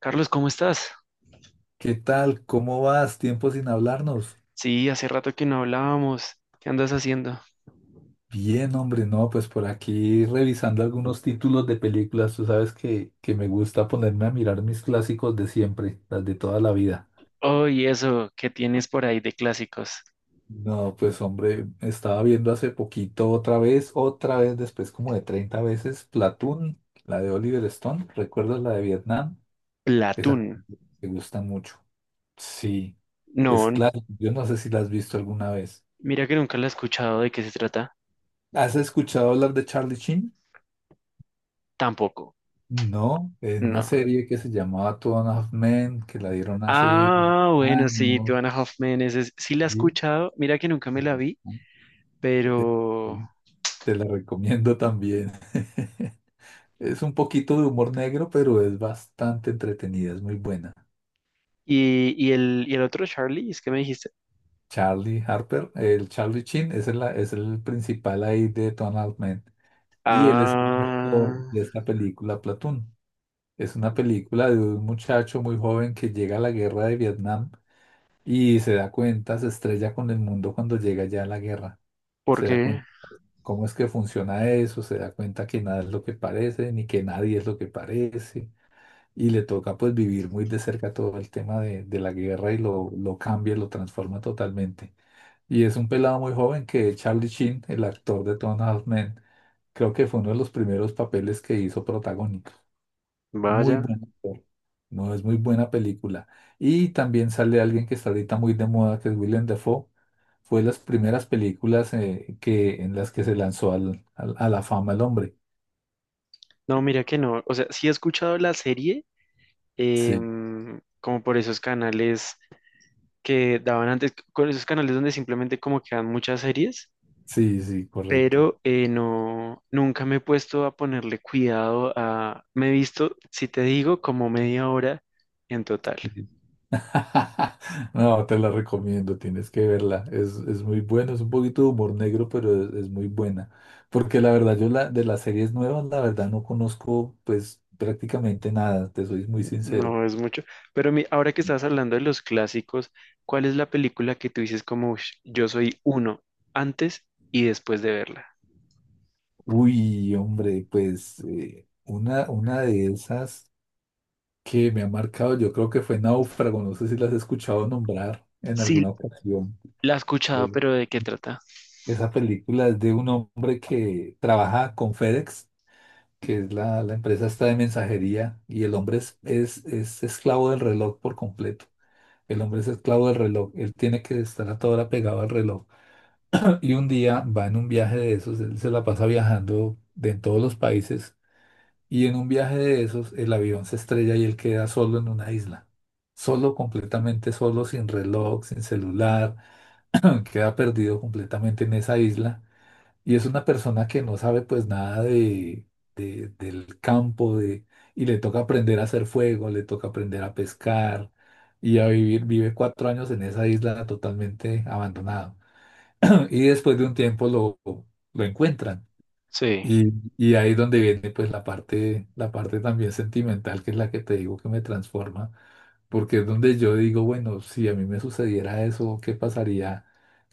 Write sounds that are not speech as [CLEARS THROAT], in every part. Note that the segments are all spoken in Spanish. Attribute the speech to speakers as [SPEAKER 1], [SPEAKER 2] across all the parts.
[SPEAKER 1] Carlos, ¿cómo estás?
[SPEAKER 2] ¿Qué tal? ¿Cómo vas? Tiempo sin hablarnos.
[SPEAKER 1] Sí, hace rato que no hablábamos. ¿Qué andas haciendo?
[SPEAKER 2] Bien, hombre, no, pues por aquí revisando algunos títulos de películas. Tú sabes que me gusta ponerme a mirar mis clásicos de siempre, las de toda la vida.
[SPEAKER 1] Oh, y eso, ¿qué tienes por ahí de clásicos?
[SPEAKER 2] No, pues hombre, estaba viendo hace poquito otra vez después como de 30 veces, Platoon, la de Oliver Stone. ¿Recuerdas la de Vietnam? Esa
[SPEAKER 1] Platón.
[SPEAKER 2] me gusta mucho. Sí,
[SPEAKER 1] No,
[SPEAKER 2] es claro. Yo no sé si la has visto alguna vez.
[SPEAKER 1] mira que nunca la he escuchado. ¿De qué se trata?
[SPEAKER 2] ¿Has escuchado hablar de Charlie Sheen?
[SPEAKER 1] Tampoco.
[SPEAKER 2] No, es una
[SPEAKER 1] No.
[SPEAKER 2] serie que se llamaba Two and a Half Men, que la dieron hace
[SPEAKER 1] Ah, bueno, sí,
[SPEAKER 2] años.
[SPEAKER 1] Tuana Hoffman, sí la he
[SPEAKER 2] y-
[SPEAKER 1] escuchado. Mira que nunca me la vi,
[SPEAKER 2] eh,
[SPEAKER 1] pero...
[SPEAKER 2] sí, te la recomiendo también. [LAUGHS] Es un poquito de humor negro, pero es bastante entretenida, es muy buena.
[SPEAKER 1] ¿Y el otro Charlie? ¿Es que me dijiste?
[SPEAKER 2] Charlie Harper, el Charlie Chin es el principal ahí de Two and a Half Men. Y él es el actor
[SPEAKER 1] Ah,
[SPEAKER 2] de esta película, Platoon. Es una película de un muchacho muy joven que llega a la guerra de Vietnam. Y se da cuenta, se estrella con el mundo cuando llega ya a la guerra.
[SPEAKER 1] ¿por
[SPEAKER 2] Se da
[SPEAKER 1] qué?
[SPEAKER 2] cuenta cómo es que funciona eso, se da cuenta que nada es lo que parece, ni que nadie es lo que parece. Y le toca pues vivir muy de cerca todo el tema de la guerra y lo cambia, lo transforma totalmente. Y es un pelado muy joven que Charlie Sheen, el actor de Two and a Half Men, creo que fue uno de los primeros papeles que hizo protagónico. Muy
[SPEAKER 1] Vaya.
[SPEAKER 2] buen actor. No es muy buena película. Y también sale alguien que está ahorita muy de moda, que es Willem Dafoe, fue las primeras películas que, en las que se lanzó a la fama el hombre.
[SPEAKER 1] No, mira que no. O sea, sí he escuchado la serie,
[SPEAKER 2] Sí,
[SPEAKER 1] como por esos canales que daban antes, con esos canales donde simplemente como que dan muchas series,
[SPEAKER 2] sí, sí, correcto.
[SPEAKER 1] pero no, nunca me he puesto a ponerle cuidado a, me he visto, si te digo, como media hora en total,
[SPEAKER 2] Sí. [LAUGHS] No, te la recomiendo, tienes que verla. Es muy buena, es un poquito de humor negro, pero es muy buena. Porque la verdad, yo la, de las series nuevas, la verdad no conozco pues prácticamente nada, te soy muy sincero.
[SPEAKER 1] no es mucho, pero ahora que estabas hablando de los clásicos, ¿cuál es la película que tú dices como "Ush, yo soy uno antes y después de verla"?
[SPEAKER 2] Uy, hombre, pues una de esas que me ha marcado, yo creo que fue Náufrago, no sé si las has escuchado nombrar en alguna
[SPEAKER 1] Sí,
[SPEAKER 2] ocasión.
[SPEAKER 1] la he escuchado,
[SPEAKER 2] Eh,
[SPEAKER 1] pero ¿de qué trata?
[SPEAKER 2] Esa película es de un hombre que trabaja con FedEx, que es la empresa esta de mensajería, y el hombre es esclavo del reloj por completo. El hombre es esclavo del reloj, él tiene que estar a toda hora pegado al reloj. Y un día va en un viaje de esos, él se la pasa viajando de en todos los países. Y en un viaje de esos, el avión se estrella y él queda solo en una isla. Solo, completamente solo, sin reloj, sin celular. [CLEARS THROAT] Queda perdido completamente en esa isla. Y es una persona que no sabe pues nada del campo y le toca aprender a hacer fuego, le toca aprender a pescar y a vivir. Vive 4 años en esa isla totalmente abandonado. [CLEARS THROAT] Y después de un tiempo lo encuentran
[SPEAKER 1] Sí.
[SPEAKER 2] y ahí es donde viene pues la parte también sentimental, que es la que te digo que me transforma, porque es donde yo digo, bueno, si a mí me sucediera eso, ¿qué pasaría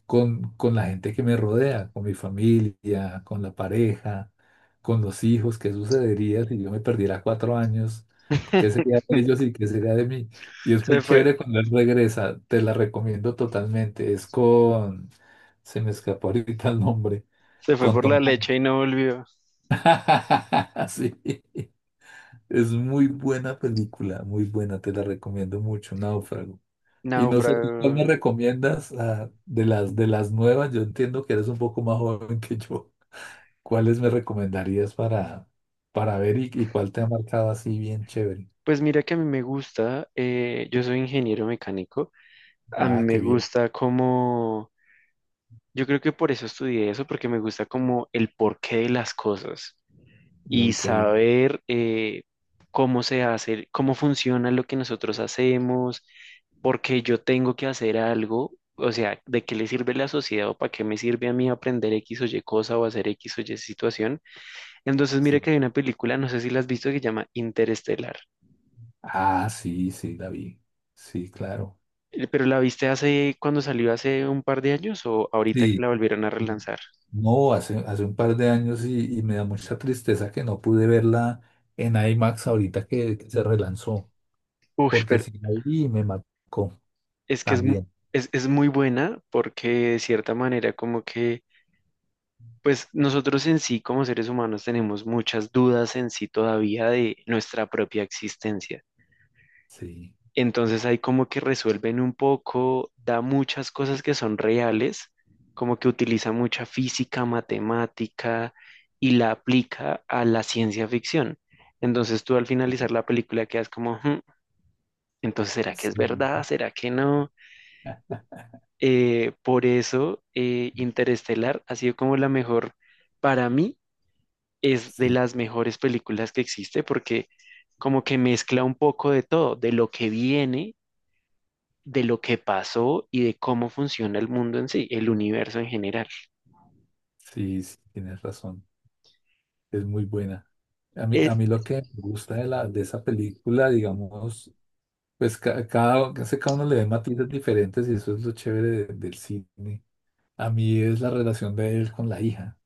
[SPEAKER 2] con la gente que me rodea, con mi familia, con la pareja, con los hijos? ¿Qué sucedería si yo me perdiera 4 años? ¿Qué sería de ellos
[SPEAKER 1] [LAUGHS]
[SPEAKER 2] y qué sería de mí? Y es
[SPEAKER 1] Se
[SPEAKER 2] muy
[SPEAKER 1] fue,
[SPEAKER 2] chévere cuando él regresa, te la recomiendo totalmente, es con, se me escapó ahorita el nombre.
[SPEAKER 1] se fue
[SPEAKER 2] Con
[SPEAKER 1] por la
[SPEAKER 2] Tom.
[SPEAKER 1] leche y no volvió.
[SPEAKER 2] [LAUGHS] Sí, es muy buena película, muy buena, te la recomiendo mucho, Náufrago. Y no sé, ¿tú cuál
[SPEAKER 1] Náufrago.
[SPEAKER 2] me recomiendas de las nuevas? Yo entiendo que eres un poco más joven que yo. ¿Cuáles me recomendarías para ver y cuál te ha marcado así bien chévere?
[SPEAKER 1] Pues mira que a mí me gusta, yo soy ingeniero mecánico, a mí
[SPEAKER 2] Ah,
[SPEAKER 1] me
[SPEAKER 2] qué bien.
[SPEAKER 1] gusta como, yo creo que por eso estudié eso, porque me gusta como el porqué de las cosas y
[SPEAKER 2] Uy, qué bien.
[SPEAKER 1] saber cómo se hace, cómo funciona lo que nosotros hacemos, por qué yo tengo que hacer algo, o sea, de qué le sirve la sociedad o para qué me sirve a mí aprender X o Y cosa o hacer X o Y situación. Entonces,
[SPEAKER 2] Sí.
[SPEAKER 1] mira que hay una película, no sé si la has visto, que se llama Interestelar.
[SPEAKER 2] Ah, sí, sí, la vi. Sí, claro.
[SPEAKER 1] ¿Pero la viste hace cuando salió hace un par de años o ahorita que
[SPEAKER 2] Sí.
[SPEAKER 1] la volvieron a
[SPEAKER 2] Y-
[SPEAKER 1] relanzar?
[SPEAKER 2] No, hace un par de años y me da mucha tristeza que no pude verla en IMAX ahorita que se relanzó,
[SPEAKER 1] Uf,
[SPEAKER 2] porque
[SPEAKER 1] pero
[SPEAKER 2] sí la vi y me marcó
[SPEAKER 1] es que
[SPEAKER 2] también.
[SPEAKER 1] es muy buena porque de cierta manera como que, pues nosotros en sí como seres humanos tenemos muchas dudas en sí todavía de nuestra propia existencia.
[SPEAKER 2] Sí,
[SPEAKER 1] Entonces ahí como que resuelven un poco, da muchas cosas que son reales, como que utiliza mucha física, matemática y la aplica a la ciencia ficción. Entonces tú al
[SPEAKER 2] sí,
[SPEAKER 1] finalizar la película quedas como, "Hmm, entonces ¿será que
[SPEAKER 2] sí,
[SPEAKER 1] es verdad? ¿Será que no?" Por eso Interestelar ha sido como la mejor, para mí es de las mejores películas que existe porque como que mezcla un poco de todo, de lo que viene, de lo que pasó y de cómo funciona el mundo en sí, el universo en general.
[SPEAKER 2] sí, sí, tienes razón, es muy buena. A mí,
[SPEAKER 1] Eh,
[SPEAKER 2] a mí lo que me gusta de esa película, digamos, pues casi cada uno le ve matices diferentes y eso es lo chévere del cine. A mí es la relación de él con la hija.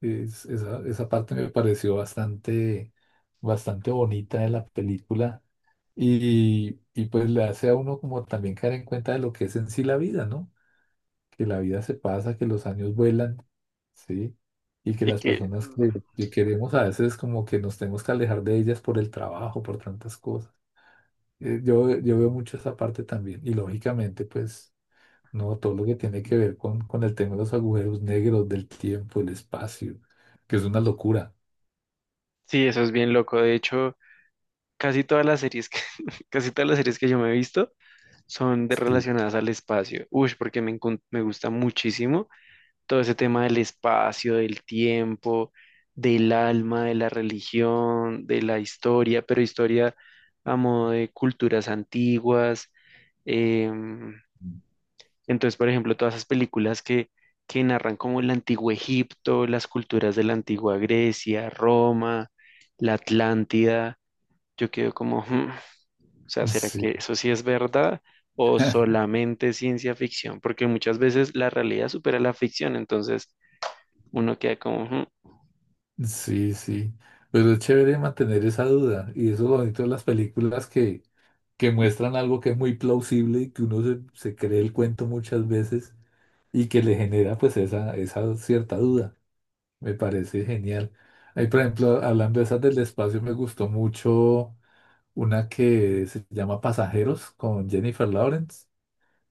[SPEAKER 2] Esa parte me pareció bastante, bastante bonita de la película y pues le hace a uno como también caer en cuenta de lo que es en sí la vida, ¿no? Que la vida se pasa, que los años vuelan, ¿sí? Y que
[SPEAKER 1] de
[SPEAKER 2] las
[SPEAKER 1] que
[SPEAKER 2] personas que queremos a veces como que nos tenemos que alejar de ellas por el trabajo, por tantas cosas. Yo veo mucho esa parte también y lógicamente pues... No, todo lo que tiene que ver con el tema de los agujeros negros, del tiempo, el espacio, que es una locura.
[SPEAKER 1] sí, eso es bien loco. De hecho, casi todas las series que, [LAUGHS] casi todas las series que yo me he visto son de
[SPEAKER 2] Sí.
[SPEAKER 1] relacionadas al espacio. Uy, porque me gusta muchísimo todo ese tema del espacio, del tiempo, del alma, de la religión, de la historia, pero historia a modo de culturas antiguas. em, Entonces, por ejemplo, todas esas películas que narran como el antiguo Egipto, las culturas de la antigua Grecia, Roma, la Atlántida, yo quedo como, "Hmm, o sea, ¿será
[SPEAKER 2] Sí,
[SPEAKER 1] que eso sí es verdad o
[SPEAKER 2] [LAUGHS]
[SPEAKER 1] solamente ciencia ficción?" Porque muchas veces la realidad supera la ficción, entonces uno queda como, "Hmm".
[SPEAKER 2] sí, sí. Pero es chévere mantener esa duda. Y eso es lo bonito de las películas que muestran algo que es muy plausible y que uno se cree el cuento muchas veces y que le genera pues esa cierta duda. Me parece genial. Ahí, por ejemplo, hablando de esas del espacio, me gustó mucho una que se llama Pasajeros con Jennifer Lawrence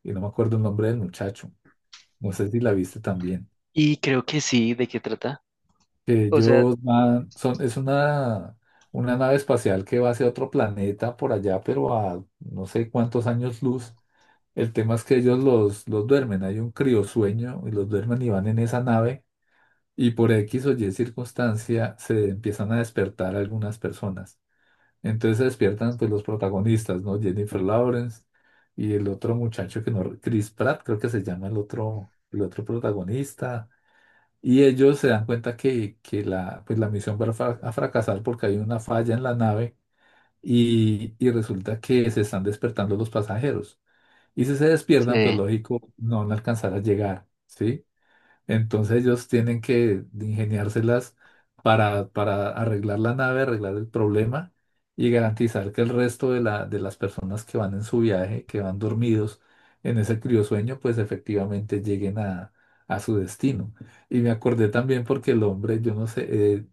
[SPEAKER 2] y no me acuerdo el nombre del muchacho. No sé si la viste también.
[SPEAKER 1] Y creo que sí, ¿de qué trata?
[SPEAKER 2] Que
[SPEAKER 1] O sea,
[SPEAKER 2] ellos van, son, es una nave espacial que va hacia otro planeta por allá, pero a no sé cuántos años luz. El tema es que ellos los duermen, hay un criosueño y los duermen y van en esa nave y por X o Y circunstancia se empiezan a despertar algunas personas. Entonces se despiertan pues los protagonistas, ¿no? Jennifer Lawrence y el otro muchacho que no, Chris Pratt creo que se llama el otro protagonista. Y ellos se dan cuenta que pues la misión va a fracasar porque hay una falla en la nave y resulta que se están despertando los pasajeros. Y si se despiertan, pues
[SPEAKER 1] sí,
[SPEAKER 2] lógico, no van a alcanzar a llegar, ¿sí? Entonces ellos tienen que ingeniárselas para arreglar la nave, arreglar el problema y garantizar que el resto de las personas que van en su viaje, que van dormidos en ese criosueño, pues efectivamente lleguen a su destino. Y me acordé también porque el hombre, yo no sé, eh,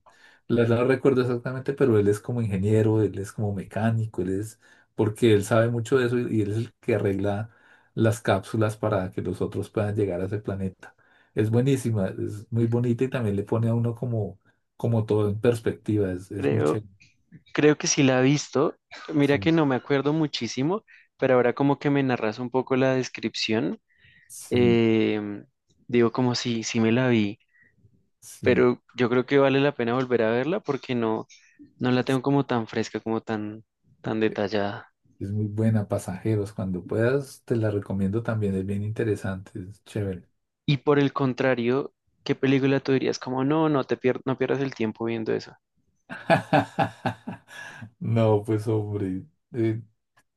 [SPEAKER 2] la verdad no recuerdo exactamente, pero él es como ingeniero, él es como mecánico, él es, porque él sabe mucho de eso y él es el que arregla las cápsulas para que los otros puedan llegar a ese planeta. Es buenísima, es muy bonita y también le pone a uno como, como todo en perspectiva, es muy
[SPEAKER 1] creo,
[SPEAKER 2] chévere.
[SPEAKER 1] creo que sí la he visto. Mira que
[SPEAKER 2] Sí,
[SPEAKER 1] no me acuerdo muchísimo, pero ahora como que me narras un poco la descripción.
[SPEAKER 2] sí,
[SPEAKER 1] Eh, digo, como si me la vi,
[SPEAKER 2] sí.
[SPEAKER 1] pero yo creo que vale la pena volver a verla porque no la tengo como tan fresca, tan
[SPEAKER 2] e-
[SPEAKER 1] detallada.
[SPEAKER 2] Es muy buena, pasajeros. Cuando puedas, te la recomiendo también, es bien interesante, es chévere.
[SPEAKER 1] Y por el contrario, ¿qué película tú dirías? Como, no, no pierdas el tiempo viendo eso.
[SPEAKER 2] [LAUGHS] No, pues hombre, eh,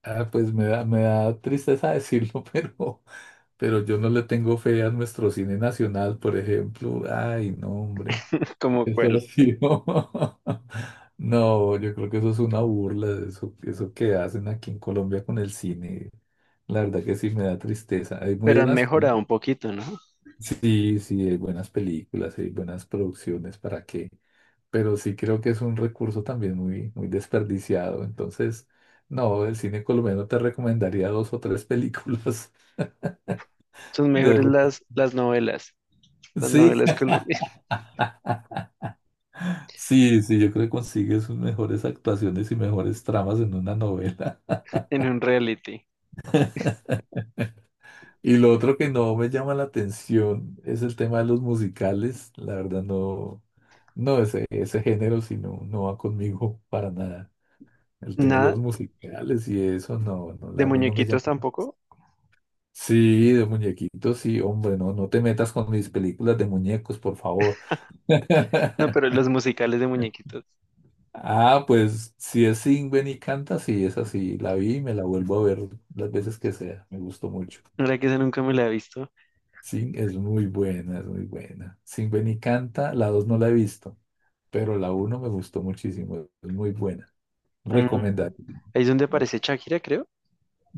[SPEAKER 2] pues me da tristeza decirlo, [LAUGHS] pero yo no le tengo fe a nuestro cine nacional, por ejemplo. Ay, no, hombre.
[SPEAKER 1] [LAUGHS] Como
[SPEAKER 2] Eso ha
[SPEAKER 1] cuál.
[SPEAKER 2] sido. [LAUGHS] No, yo creo que eso es una burla, eso que hacen aquí en Colombia con el cine. La verdad que sí me da tristeza. Hay muy
[SPEAKER 1] Pero han
[SPEAKER 2] buenas,
[SPEAKER 1] mejorado un poquito, ¿no?
[SPEAKER 2] sí, sí, hay buenas películas, hay buenas producciones, ¿para qué? Pero sí creo que es un recurso también muy, muy desperdiciado. Entonces, no, el cine colombiano te recomendaría dos o tres películas.
[SPEAKER 1] Son
[SPEAKER 2] [LAUGHS] de
[SPEAKER 1] mejores
[SPEAKER 2] re-
[SPEAKER 1] las novelas, las
[SPEAKER 2] Sí,
[SPEAKER 1] novelas colombianas,
[SPEAKER 2] [LAUGHS] sí, sí, yo creo que consigues sus mejores actuaciones y mejores tramas en una novela.
[SPEAKER 1] [LAUGHS] en un reality.
[SPEAKER 2] Y lo otro que no me llama la atención es el tema de los musicales. La verdad no, no ese género, sino no va conmigo [LAUGHS] para nada. El tema de
[SPEAKER 1] Nada,
[SPEAKER 2] los musicales y eso, no, no, la
[SPEAKER 1] de
[SPEAKER 2] verdad no me
[SPEAKER 1] muñequitos
[SPEAKER 2] llama.
[SPEAKER 1] tampoco.
[SPEAKER 2] Sí, de muñequitos, sí, hombre, no, no te metas con mis películas de muñecos, por favor.
[SPEAKER 1] No, pero
[SPEAKER 2] [LAUGHS]
[SPEAKER 1] los musicales de muñequitos.
[SPEAKER 2] Ah, pues si es Sing, ven y canta, sí, es así. La vi y me la vuelvo a ver las veces que sea. Me gustó mucho.
[SPEAKER 1] La verdad que esa nunca me la he visto.
[SPEAKER 2] Sí, es muy buena, es muy buena. Sin Ven y Canta, la 2 no la he visto, pero la uno me gustó muchísimo, es muy buena.
[SPEAKER 1] Mm,
[SPEAKER 2] Recomendar.
[SPEAKER 1] ahí es donde aparece Shakira, creo.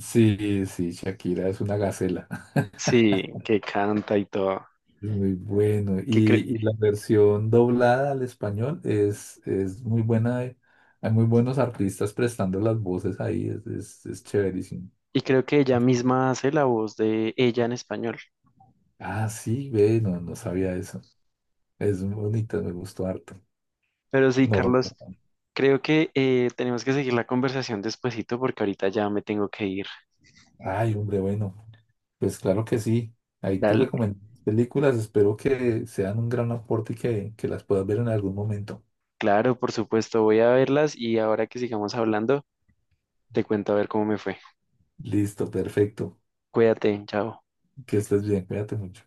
[SPEAKER 2] Sí, sí, Shakira es una gacela, [LAUGHS]
[SPEAKER 1] Sí, que canta y todo.
[SPEAKER 2] es muy bueno.
[SPEAKER 1] Que cre-
[SPEAKER 2] Y la versión doblada al español es muy buena, hay muy buenos artistas prestando las voces ahí, es chéverísimo.
[SPEAKER 1] y creo que ella misma hace la voz de ella en español.
[SPEAKER 2] Ah, sí, ve, no, no sabía eso. Es bonita, me gustó harto.
[SPEAKER 1] Pero sí,
[SPEAKER 2] No,
[SPEAKER 1] Carlos, creo que tenemos que seguir la conversación despuesito porque ahorita ya me tengo que ir.
[SPEAKER 2] ay, hombre, bueno. Pues claro que sí. Ahí te
[SPEAKER 1] Dale,
[SPEAKER 2] recomiendo películas. Espero que sean un gran aporte y que las puedas ver en algún momento.
[SPEAKER 1] claro, por supuesto, voy a verlas y ahora que sigamos hablando, te cuento a ver cómo me fue.
[SPEAKER 2] Listo, perfecto.
[SPEAKER 1] Cuídate, chao.
[SPEAKER 2] Que estés bien. Cuídate mucho.